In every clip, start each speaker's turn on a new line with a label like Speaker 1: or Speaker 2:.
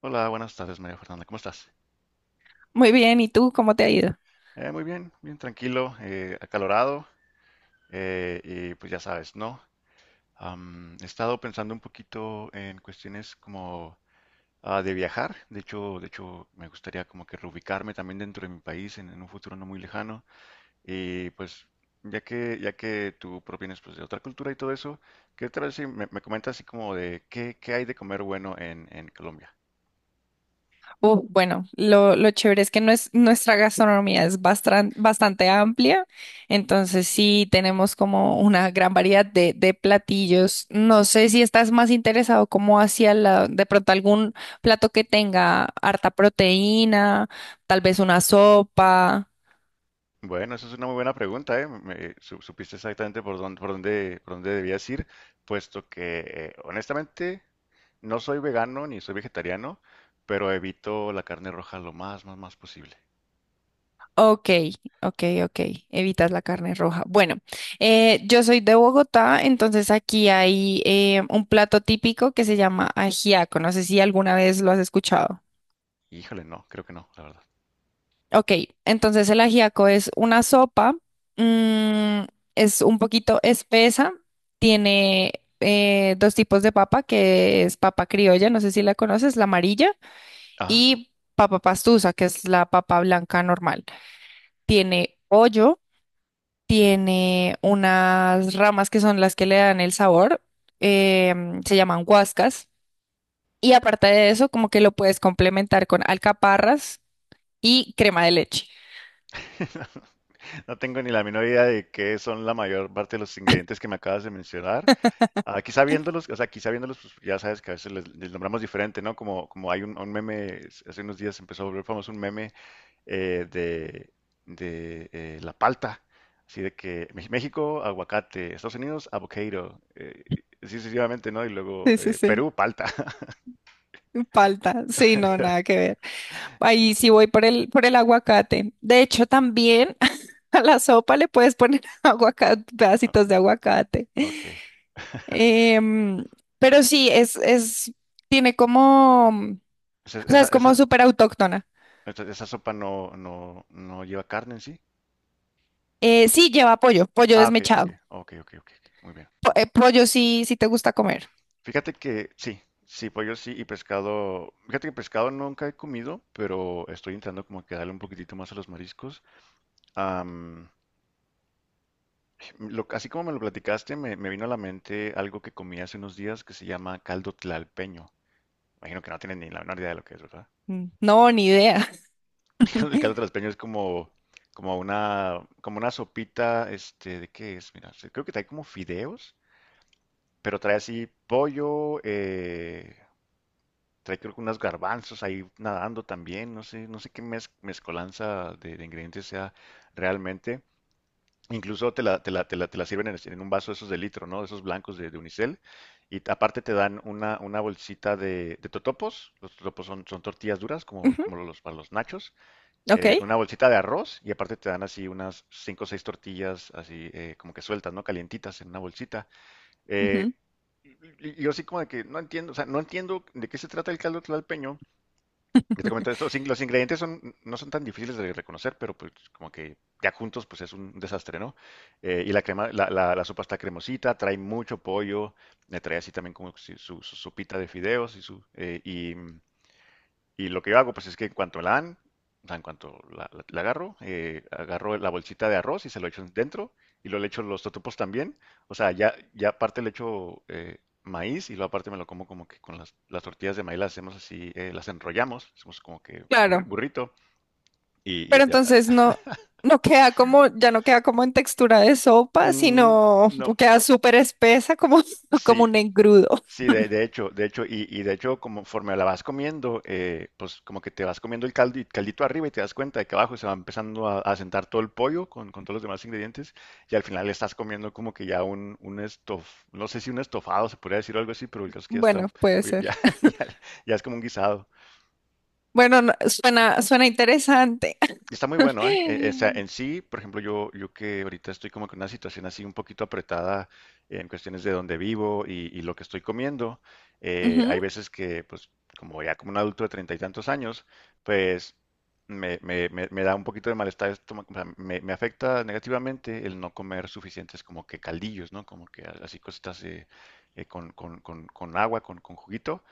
Speaker 1: Hola, buenas tardes, María Fernanda. ¿Cómo estás?
Speaker 2: Muy bien, ¿y tú cómo te ha ido?
Speaker 1: Muy bien, bien tranquilo, acalorado, y pues ya sabes, ¿no? He estado pensando un poquito en cuestiones como de viajar. De hecho, me gustaría como que reubicarme también dentro de mi país en un futuro no muy lejano. Y pues, ya que tú provienes pues, de otra cultura y todo eso, ¿qué tal si me comentas así como de qué hay de comer bueno en Colombia?
Speaker 2: Bueno, lo chévere es que nuestra gastronomía es bastante amplia, entonces sí tenemos como una gran variedad de platillos. No sé si estás más interesado como hacia la, de pronto algún plato que tenga harta proteína, tal vez una sopa.
Speaker 1: Bueno, eso es una muy buena pregunta, ¿eh? Supiste exactamente por dónde debías ir, puesto que honestamente no soy vegano ni soy vegetariano, pero evito la carne roja lo más, más, más posible.
Speaker 2: Ok, ok, evitas la carne roja. Bueno, yo soy de Bogotá, entonces aquí hay un plato típico que se llama ajiaco. No sé si alguna vez lo has escuchado.
Speaker 1: Híjole, no, creo que no, la verdad.
Speaker 2: Ok, entonces el ajiaco es una sopa, mm, es un poquito espesa, tiene dos tipos de papa, que es papa criolla, no sé si la conoces, la amarilla,
Speaker 1: Ah,
Speaker 2: y papa pastusa, que es la papa blanca normal. Tiene pollo, tiene unas ramas que son las que le dan el sabor, se llaman guascas, y aparte de eso, como que lo puedes complementar con alcaparras y crema de leche.
Speaker 1: no tengo ni la menor idea de qué son la mayor parte de los ingredientes que me acabas de mencionar. Ah, quizá viéndolos, o sea, quizá viéndolos, pues, ya sabes que a veces les nombramos diferente, ¿no? Como hay un meme, hace unos días empezó a volver famoso un meme eh, de, de la palta. Así de que México, aguacate, Estados Unidos, avocado, así sucesivamente, ¿no? Y luego
Speaker 2: Sí, sí, sí.
Speaker 1: Perú, palta.
Speaker 2: Palta, sí, no, nada que ver. Ahí sí voy por por el aguacate. De hecho, también a la sopa le puedes poner aguacate, pedacitos de aguacate.
Speaker 1: Ok.
Speaker 2: Em, pero sí, tiene como, o
Speaker 1: Esa,
Speaker 2: sea,
Speaker 1: esa,
Speaker 2: es
Speaker 1: esa,
Speaker 2: como súper autóctona.
Speaker 1: esa sopa no lleva carne en sí.
Speaker 2: Sí, lleva pollo, pollo
Speaker 1: Ah, ok, ok,
Speaker 2: desmechado.
Speaker 1: ok, ok, ok. Ok. Muy bien, muy bien.
Speaker 2: Pollo sí, sí te gusta comer.
Speaker 1: Fíjate que sí, sí, pollo sí y pescado. Fíjate que pescado nunca he comido, pero estoy entrando como que a darle un poquitito más a los mariscos. Así como me lo platicaste, me vino a la mente algo que comí hace unos días que se llama caldo tlalpeño. Imagino que no tienen ni la menor idea de lo que es, ¿verdad?
Speaker 2: Mm, no, ni idea.
Speaker 1: El caldo tlalpeño es como una sopita, ¿de qué es? Mira, creo que trae como fideos, pero trae así pollo, trae creo que unos garbanzos ahí nadando también, no sé qué mezcolanza de ingredientes sea realmente. Incluso te la sirven en un vaso esos de litro, ¿no? Esos blancos de unicel. Y aparte te dan una bolsita de totopos. Los totopos son tortillas duras, como,
Speaker 2: Ujú.
Speaker 1: como los para los nachos.
Speaker 2: Ok.
Speaker 1: Una bolsita de arroz y aparte te dan así unas cinco o seis tortillas, así como que sueltas, ¿no? Calientitas en una bolsita. Eh,
Speaker 2: Ujú.
Speaker 1: y, yo así como de que no entiendo, o sea, no entiendo de qué se trata el caldo tlalpeño, ya te comenté esto, los ingredientes son, no son tan difíciles de reconocer, pero pues como que ya juntos pues es un desastre, ¿no? Y la crema, la sopa está cremosita, trae mucho pollo, le trae así también como si su sopita de fideos y su y lo que yo hago, pues es que en cuanto la dan, o sea, en cuanto la agarro, agarro la bolsita de arroz y se lo echo dentro y lo le echo los totopos también. O sea, ya, aparte le echo maíz y luego aparte me lo como como que con las tortillas de maíz las hacemos así, las enrollamos, hacemos como que burri-
Speaker 2: Claro.
Speaker 1: burrito y, y- y-
Speaker 2: Pero entonces no, no queda como, ya no queda como en textura de sopa,
Speaker 1: mm,
Speaker 2: sino
Speaker 1: no,
Speaker 2: queda súper espesa, como, como
Speaker 1: sí,
Speaker 2: un engrudo.
Speaker 1: Sí, de hecho, y de hecho, conforme la vas comiendo, pues como que te vas comiendo el caldo, el caldito arriba y te das cuenta de que abajo se va empezando a sentar todo el pollo con todos los demás ingredientes y al final estás comiendo como que ya un no sé si un estofado se podría decir o algo así, pero el caso es que ya
Speaker 2: Bueno,
Speaker 1: está,
Speaker 2: puede
Speaker 1: pues,
Speaker 2: ser.
Speaker 1: ya, ya- ya es como un guisado.
Speaker 2: Bueno, no, suena, suena interesante.
Speaker 1: Está muy bueno, ¿eh? O sea, en sí, por ejemplo, yo que ahorita estoy como con una situación así un poquito apretada en cuestiones de dónde vivo y lo que estoy comiendo,
Speaker 2: Ujú.
Speaker 1: hay veces que, pues, como ya como un adulto de treinta y tantos años, pues me da un poquito de malestar, estomacal, o sea, me afecta negativamente el no comer suficientes como que caldillos, ¿no? Como que así cositas con agua, con juguito,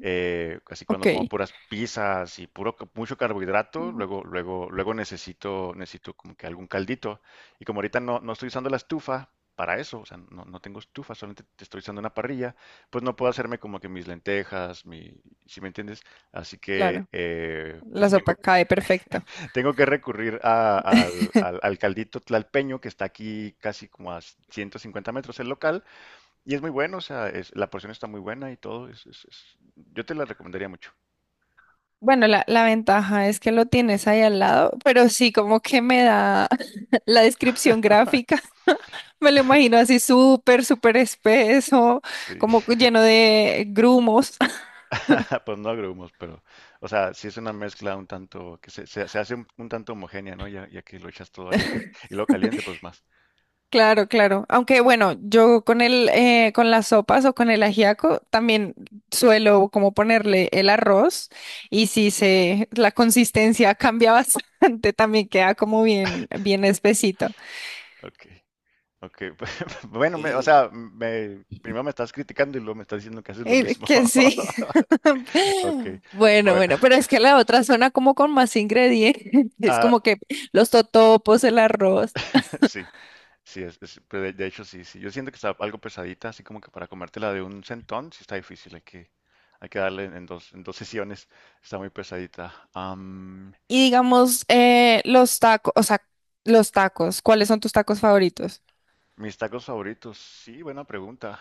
Speaker 1: así cuando
Speaker 2: Ok,
Speaker 1: como puras pizzas y puro mucho carbohidrato,
Speaker 2: ujú,
Speaker 1: luego luego luego necesito como que algún caldito y como ahorita no estoy usando la estufa para eso, o sea, no tengo estufa, solamente te estoy usando una parrilla, pues no puedo hacerme como que mis lentejas, mi, ¿si me entiendes? Así que
Speaker 2: claro, la
Speaker 1: pues tengo
Speaker 2: sopa
Speaker 1: que,
Speaker 2: cae perfecto.
Speaker 1: tengo que recurrir al caldito tlalpeño que está aquí casi como a 150 metros el local y es muy bueno, o sea, la porción está muy buena y todo, yo te la recomendaría mucho.
Speaker 2: Bueno, la ventaja es que lo tienes ahí al lado, pero sí como que me da la descripción gráfica. Me lo imagino así súper, súper espeso,
Speaker 1: Sí,
Speaker 2: como lleno de grumos.
Speaker 1: pues no agrumos, pero, o sea, sí es una mezcla un tanto, que se hace un tanto homogénea, ¿no? Ya, ya que lo echas todo ahí y lo caliente, pues más.
Speaker 2: Claro, claro. Aunque bueno, yo con el, con las sopas o con el ajiaco también suelo como ponerle el arroz y si se, la consistencia cambia bastante, también queda como bien, bien espesito.
Speaker 1: Ok, ok. Bueno, o
Speaker 2: Y,
Speaker 1: sea, primero me estás criticando y luego me estás diciendo que haces lo mismo.
Speaker 2: que sí.
Speaker 1: Ok,
Speaker 2: Bueno,
Speaker 1: bueno.
Speaker 2: bueno, pero es que la otra suena como con más ingredientes, es
Speaker 1: Ah,
Speaker 2: como que los totopos, el arroz
Speaker 1: sí, sí, pero de hecho sí, sí. Yo siento que está algo pesadita, así como que para comértela de un centón, sí está difícil, hay que darle en dos sesiones, está muy pesadita.
Speaker 2: y digamos los tacos, o sea, los tacos. ¿Cuáles son tus tacos favoritos?
Speaker 1: Mis tacos favoritos, sí, buena pregunta.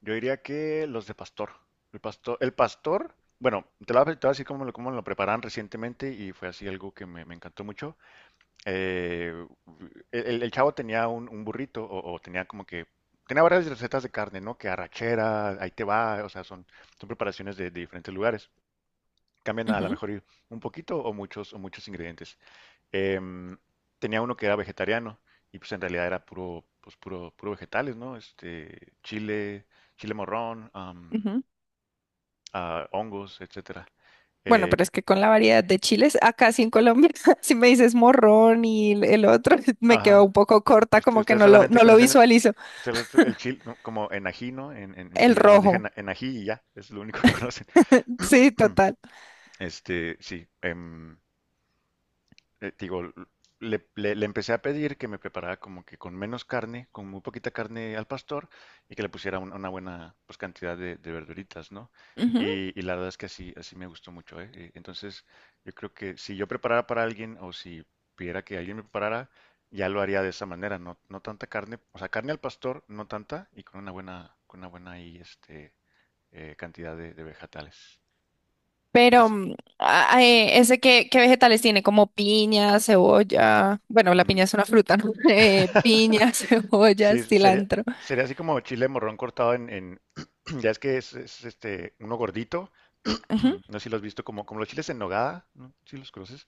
Speaker 1: Yo diría que los de pastor. El pastor, bueno, te lo voy a te voy a decir cómo lo preparan recientemente y fue así algo que me encantó mucho. Eh, el chavo tenía un burrito o tenía varias recetas de carne, ¿no? Que arrachera, ahí te va, o sea, son preparaciones de diferentes lugares. Cambian a lo
Speaker 2: Ujú,
Speaker 1: mejor un poquito o muchos ingredientes. Em, Tenía uno que era vegetariano y pues en realidad era puro vegetales, ¿no? Chile morrón,
Speaker 2: ujú.
Speaker 1: hongos, etcétera.
Speaker 2: Bueno,
Speaker 1: Eh,
Speaker 2: pero es que con la variedad de chiles, acá sí en Colombia, si me dices morrón y el otro, me quedo
Speaker 1: ajá.
Speaker 2: un poco corta,
Speaker 1: Usted-
Speaker 2: como que
Speaker 1: ustedes
Speaker 2: no lo,
Speaker 1: solamente
Speaker 2: no lo
Speaker 1: conocen el,
Speaker 2: visualizo.
Speaker 1: ustedes el chile, ¿no? Como enají, ¿no? En
Speaker 2: El
Speaker 1: Chile nomás dije
Speaker 2: rojo.
Speaker 1: enají y ya, es lo único que conocen.
Speaker 2: Sí, total.
Speaker 1: Sí. Digo, le empecé a pedir que me preparara como que con menos carne, con muy poquita carne al pastor y que le pusiera una buena pues, cantidad de verduritas, ¿no?
Speaker 2: Ujú.
Speaker 1: Y la verdad es que así me gustó mucho, ¿eh? Entonces, yo creo que si yo preparara para alguien o si pidiera que alguien me preparara, ya lo haría de esa manera, no tanta carne, o sea, carne al pastor, no tanta y con una buena ahí, cantidad de vegetales.
Speaker 2: Pero
Speaker 1: Es-
Speaker 2: ese qué, qué vegetales tiene, como piña, cebolla. Bueno, la
Speaker 1: Mm.
Speaker 2: piña es una fruta, ¿no? Piña, cebolla,
Speaker 1: Sí, sería,
Speaker 2: cilantro.
Speaker 1: sería así como chile morrón cortado en ya es que este uno gordito.
Speaker 2: Ujú.
Speaker 1: No sé si lo has visto como los chiles en nogada, ¿no? Si los conoces.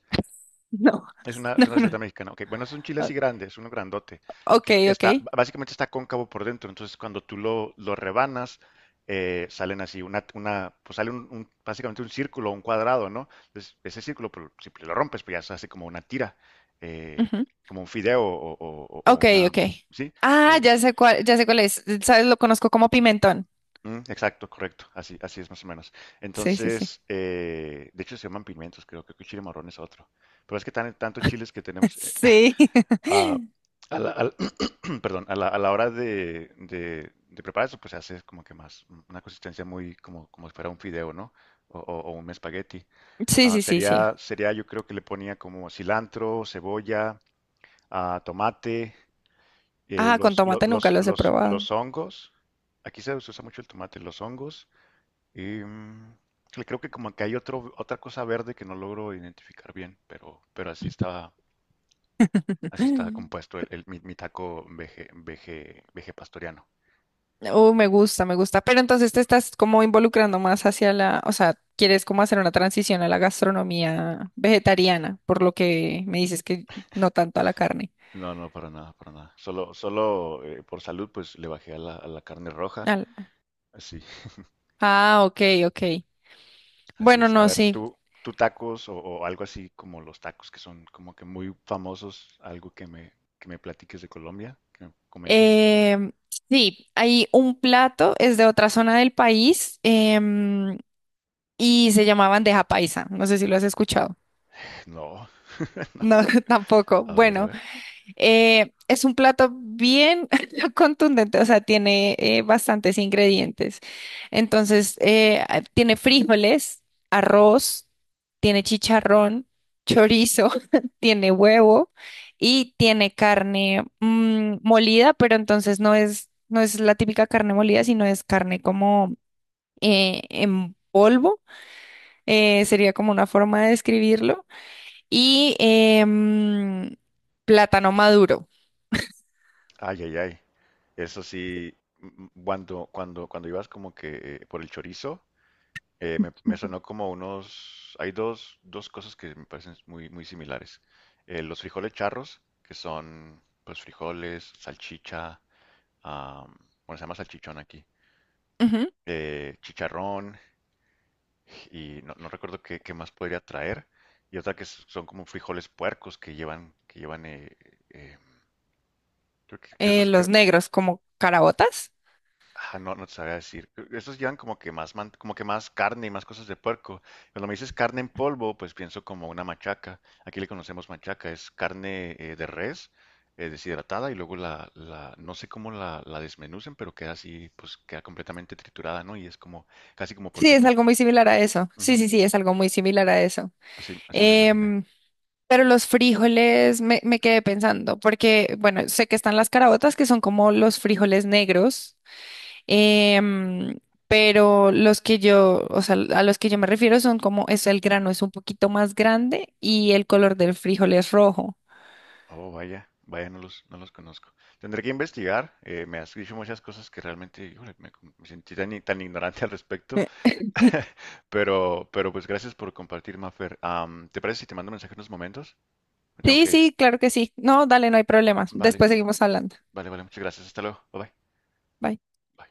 Speaker 2: No,
Speaker 1: Es una, es
Speaker 2: no,
Speaker 1: una
Speaker 2: no.
Speaker 1: receta mexicana. Ok, bueno, es un chile así
Speaker 2: O-
Speaker 1: grande, es uno grandote,
Speaker 2: Ok,
Speaker 1: que
Speaker 2: ok.
Speaker 1: básicamente está cóncavo por dentro. Entonces, cuando tú lo rebanas, salen así, una básicamente un círculo, un cuadrado, ¿no? Entonces, ese círculo, pues, si lo rompes, pues ya se hace como una tira, eh,
Speaker 2: Ujú.
Speaker 1: como un fideo o
Speaker 2: Ok,
Speaker 1: una,
Speaker 2: ok.
Speaker 1: ¿sí?
Speaker 2: Ah,
Speaker 1: Eh,
Speaker 2: ya sé cuál es. ¿Sabes? Lo conozco como pimentón.
Speaker 1: Exacto, correcto. Así es más o menos.
Speaker 2: Sí, sí, sí.
Speaker 1: Entonces, de hecho se llaman pimientos, creo que chile marrón es otro. Pero es que tantos chiles que tenemos
Speaker 2: Sí.
Speaker 1: a, a la, al- perdón, a la hora de preparar eso, pues se hace como que más una consistencia muy como si fuera un fideo, ¿no? O un espagueti.
Speaker 2: Sí,
Speaker 1: Ah,
Speaker 2: sí, sí, sí.
Speaker 1: sería, yo creo que le ponía como cilantro, cebolla, tomate,
Speaker 2: Ah, con
Speaker 1: los, los,
Speaker 2: tomate nunca
Speaker 1: los,
Speaker 2: los he
Speaker 1: los,
Speaker 2: probado.
Speaker 1: los hongos. Aquí se usa mucho el tomate, los hongos. Em, y creo que como que hay otra cosa verde que no logro identificar bien, pero así está compuesto mi taco vegepatoriano.
Speaker 2: Oh, me gusta, me gusta. Pero entonces te estás como involucrando más hacia la, o sea, quieres como hacer una transición a la gastronomía vegetariana, por lo que me dices que no tanto a la carne.
Speaker 1: No, no, para nada, para nada. Solo por salud, pues le bajé a la carne roja.
Speaker 2: Al-
Speaker 1: Así,
Speaker 2: Ah, ok, ok.
Speaker 1: así
Speaker 2: Bueno,
Speaker 1: es. A
Speaker 2: no,
Speaker 1: ver,
Speaker 2: sí.
Speaker 1: tú tacos o algo así como los tacos que son como que muy famosos, algo que que me platiques de Colombia, que me comentes.
Speaker 2: Em, sí, hay un plato, es de otra zona del país, y se llama bandeja paisa. No sé si lo has escuchado.
Speaker 1: No,
Speaker 2: No,
Speaker 1: no.
Speaker 2: tampoco.
Speaker 1: A ver, a
Speaker 2: Bueno.
Speaker 1: ver.
Speaker 2: Es un plato bien contundente, o sea, tiene bastantes ingredientes. Entonces, tiene frijoles, arroz, tiene chicharrón, chorizo, tiene huevo y tiene carne molida, pero entonces no es, no es la típica carne molida, sino es carne como en polvo, sería como una forma de describirlo, y plátano maduro.
Speaker 1: Ay, ay, ay. Eso sí, cuando ibas como que por el chorizo, me sonó como unos. Hay dos cosas que me parecen muy, muy similares. Los frijoles charros, que son pues frijoles, salchicha, am, bueno, se llama salchichón aquí,
Speaker 2: Ujú.
Speaker 1: chicharrón, y no recuerdo qué más podría traer. Y otra que son como frijoles puercos que llevan, eh, creo que esos,
Speaker 2: Los negros como carabotas.
Speaker 1: Ah, no, no te sabría decir. Creo, estos llevan como que más, como que más carne y más cosas de puerco. Cuando me dices carne en polvo, pues pienso como una machaca. Aquí le conocemos machaca, es carne de res deshidratada y luego no sé cómo la desmenucen, pero queda así, pues queda completamente triturada, ¿no? Y es como, casi como
Speaker 2: Sí, es
Speaker 1: polvito.
Speaker 2: algo muy similar a eso. Sí,
Speaker 1: Ujú,
Speaker 2: sí, sí, es algo muy similar a eso.
Speaker 1: así me lo imaginé.
Speaker 2: Em, pero los frijoles me, me quedé pensando, porque, bueno, sé que están las carabotas, que son como los frijoles negros, em, pero los que yo, o sea, a los que yo me refiero son como, es el grano es un poquito más grande y el color del frijol es rojo.
Speaker 1: Oh, vaya, vaya, no los conozco. Tendré que investigar. Me, has dicho muchas cosas que realmente, híjole, me sentí tan, tan ignorante al respecto. Pero pues gracias por compartir, Mafer. ¿Te parece si te mando un mensaje en unos momentos? Me tengo
Speaker 2: Sí,
Speaker 1: que ir.
Speaker 2: sí, claro que sí. No, dale, no hay problema.
Speaker 1: Vale,
Speaker 2: Después seguimos hablando.
Speaker 1: vale, vale. Muchas gracias. Hasta luego. Bye bye.
Speaker 2: Bye.
Speaker 1: Bye.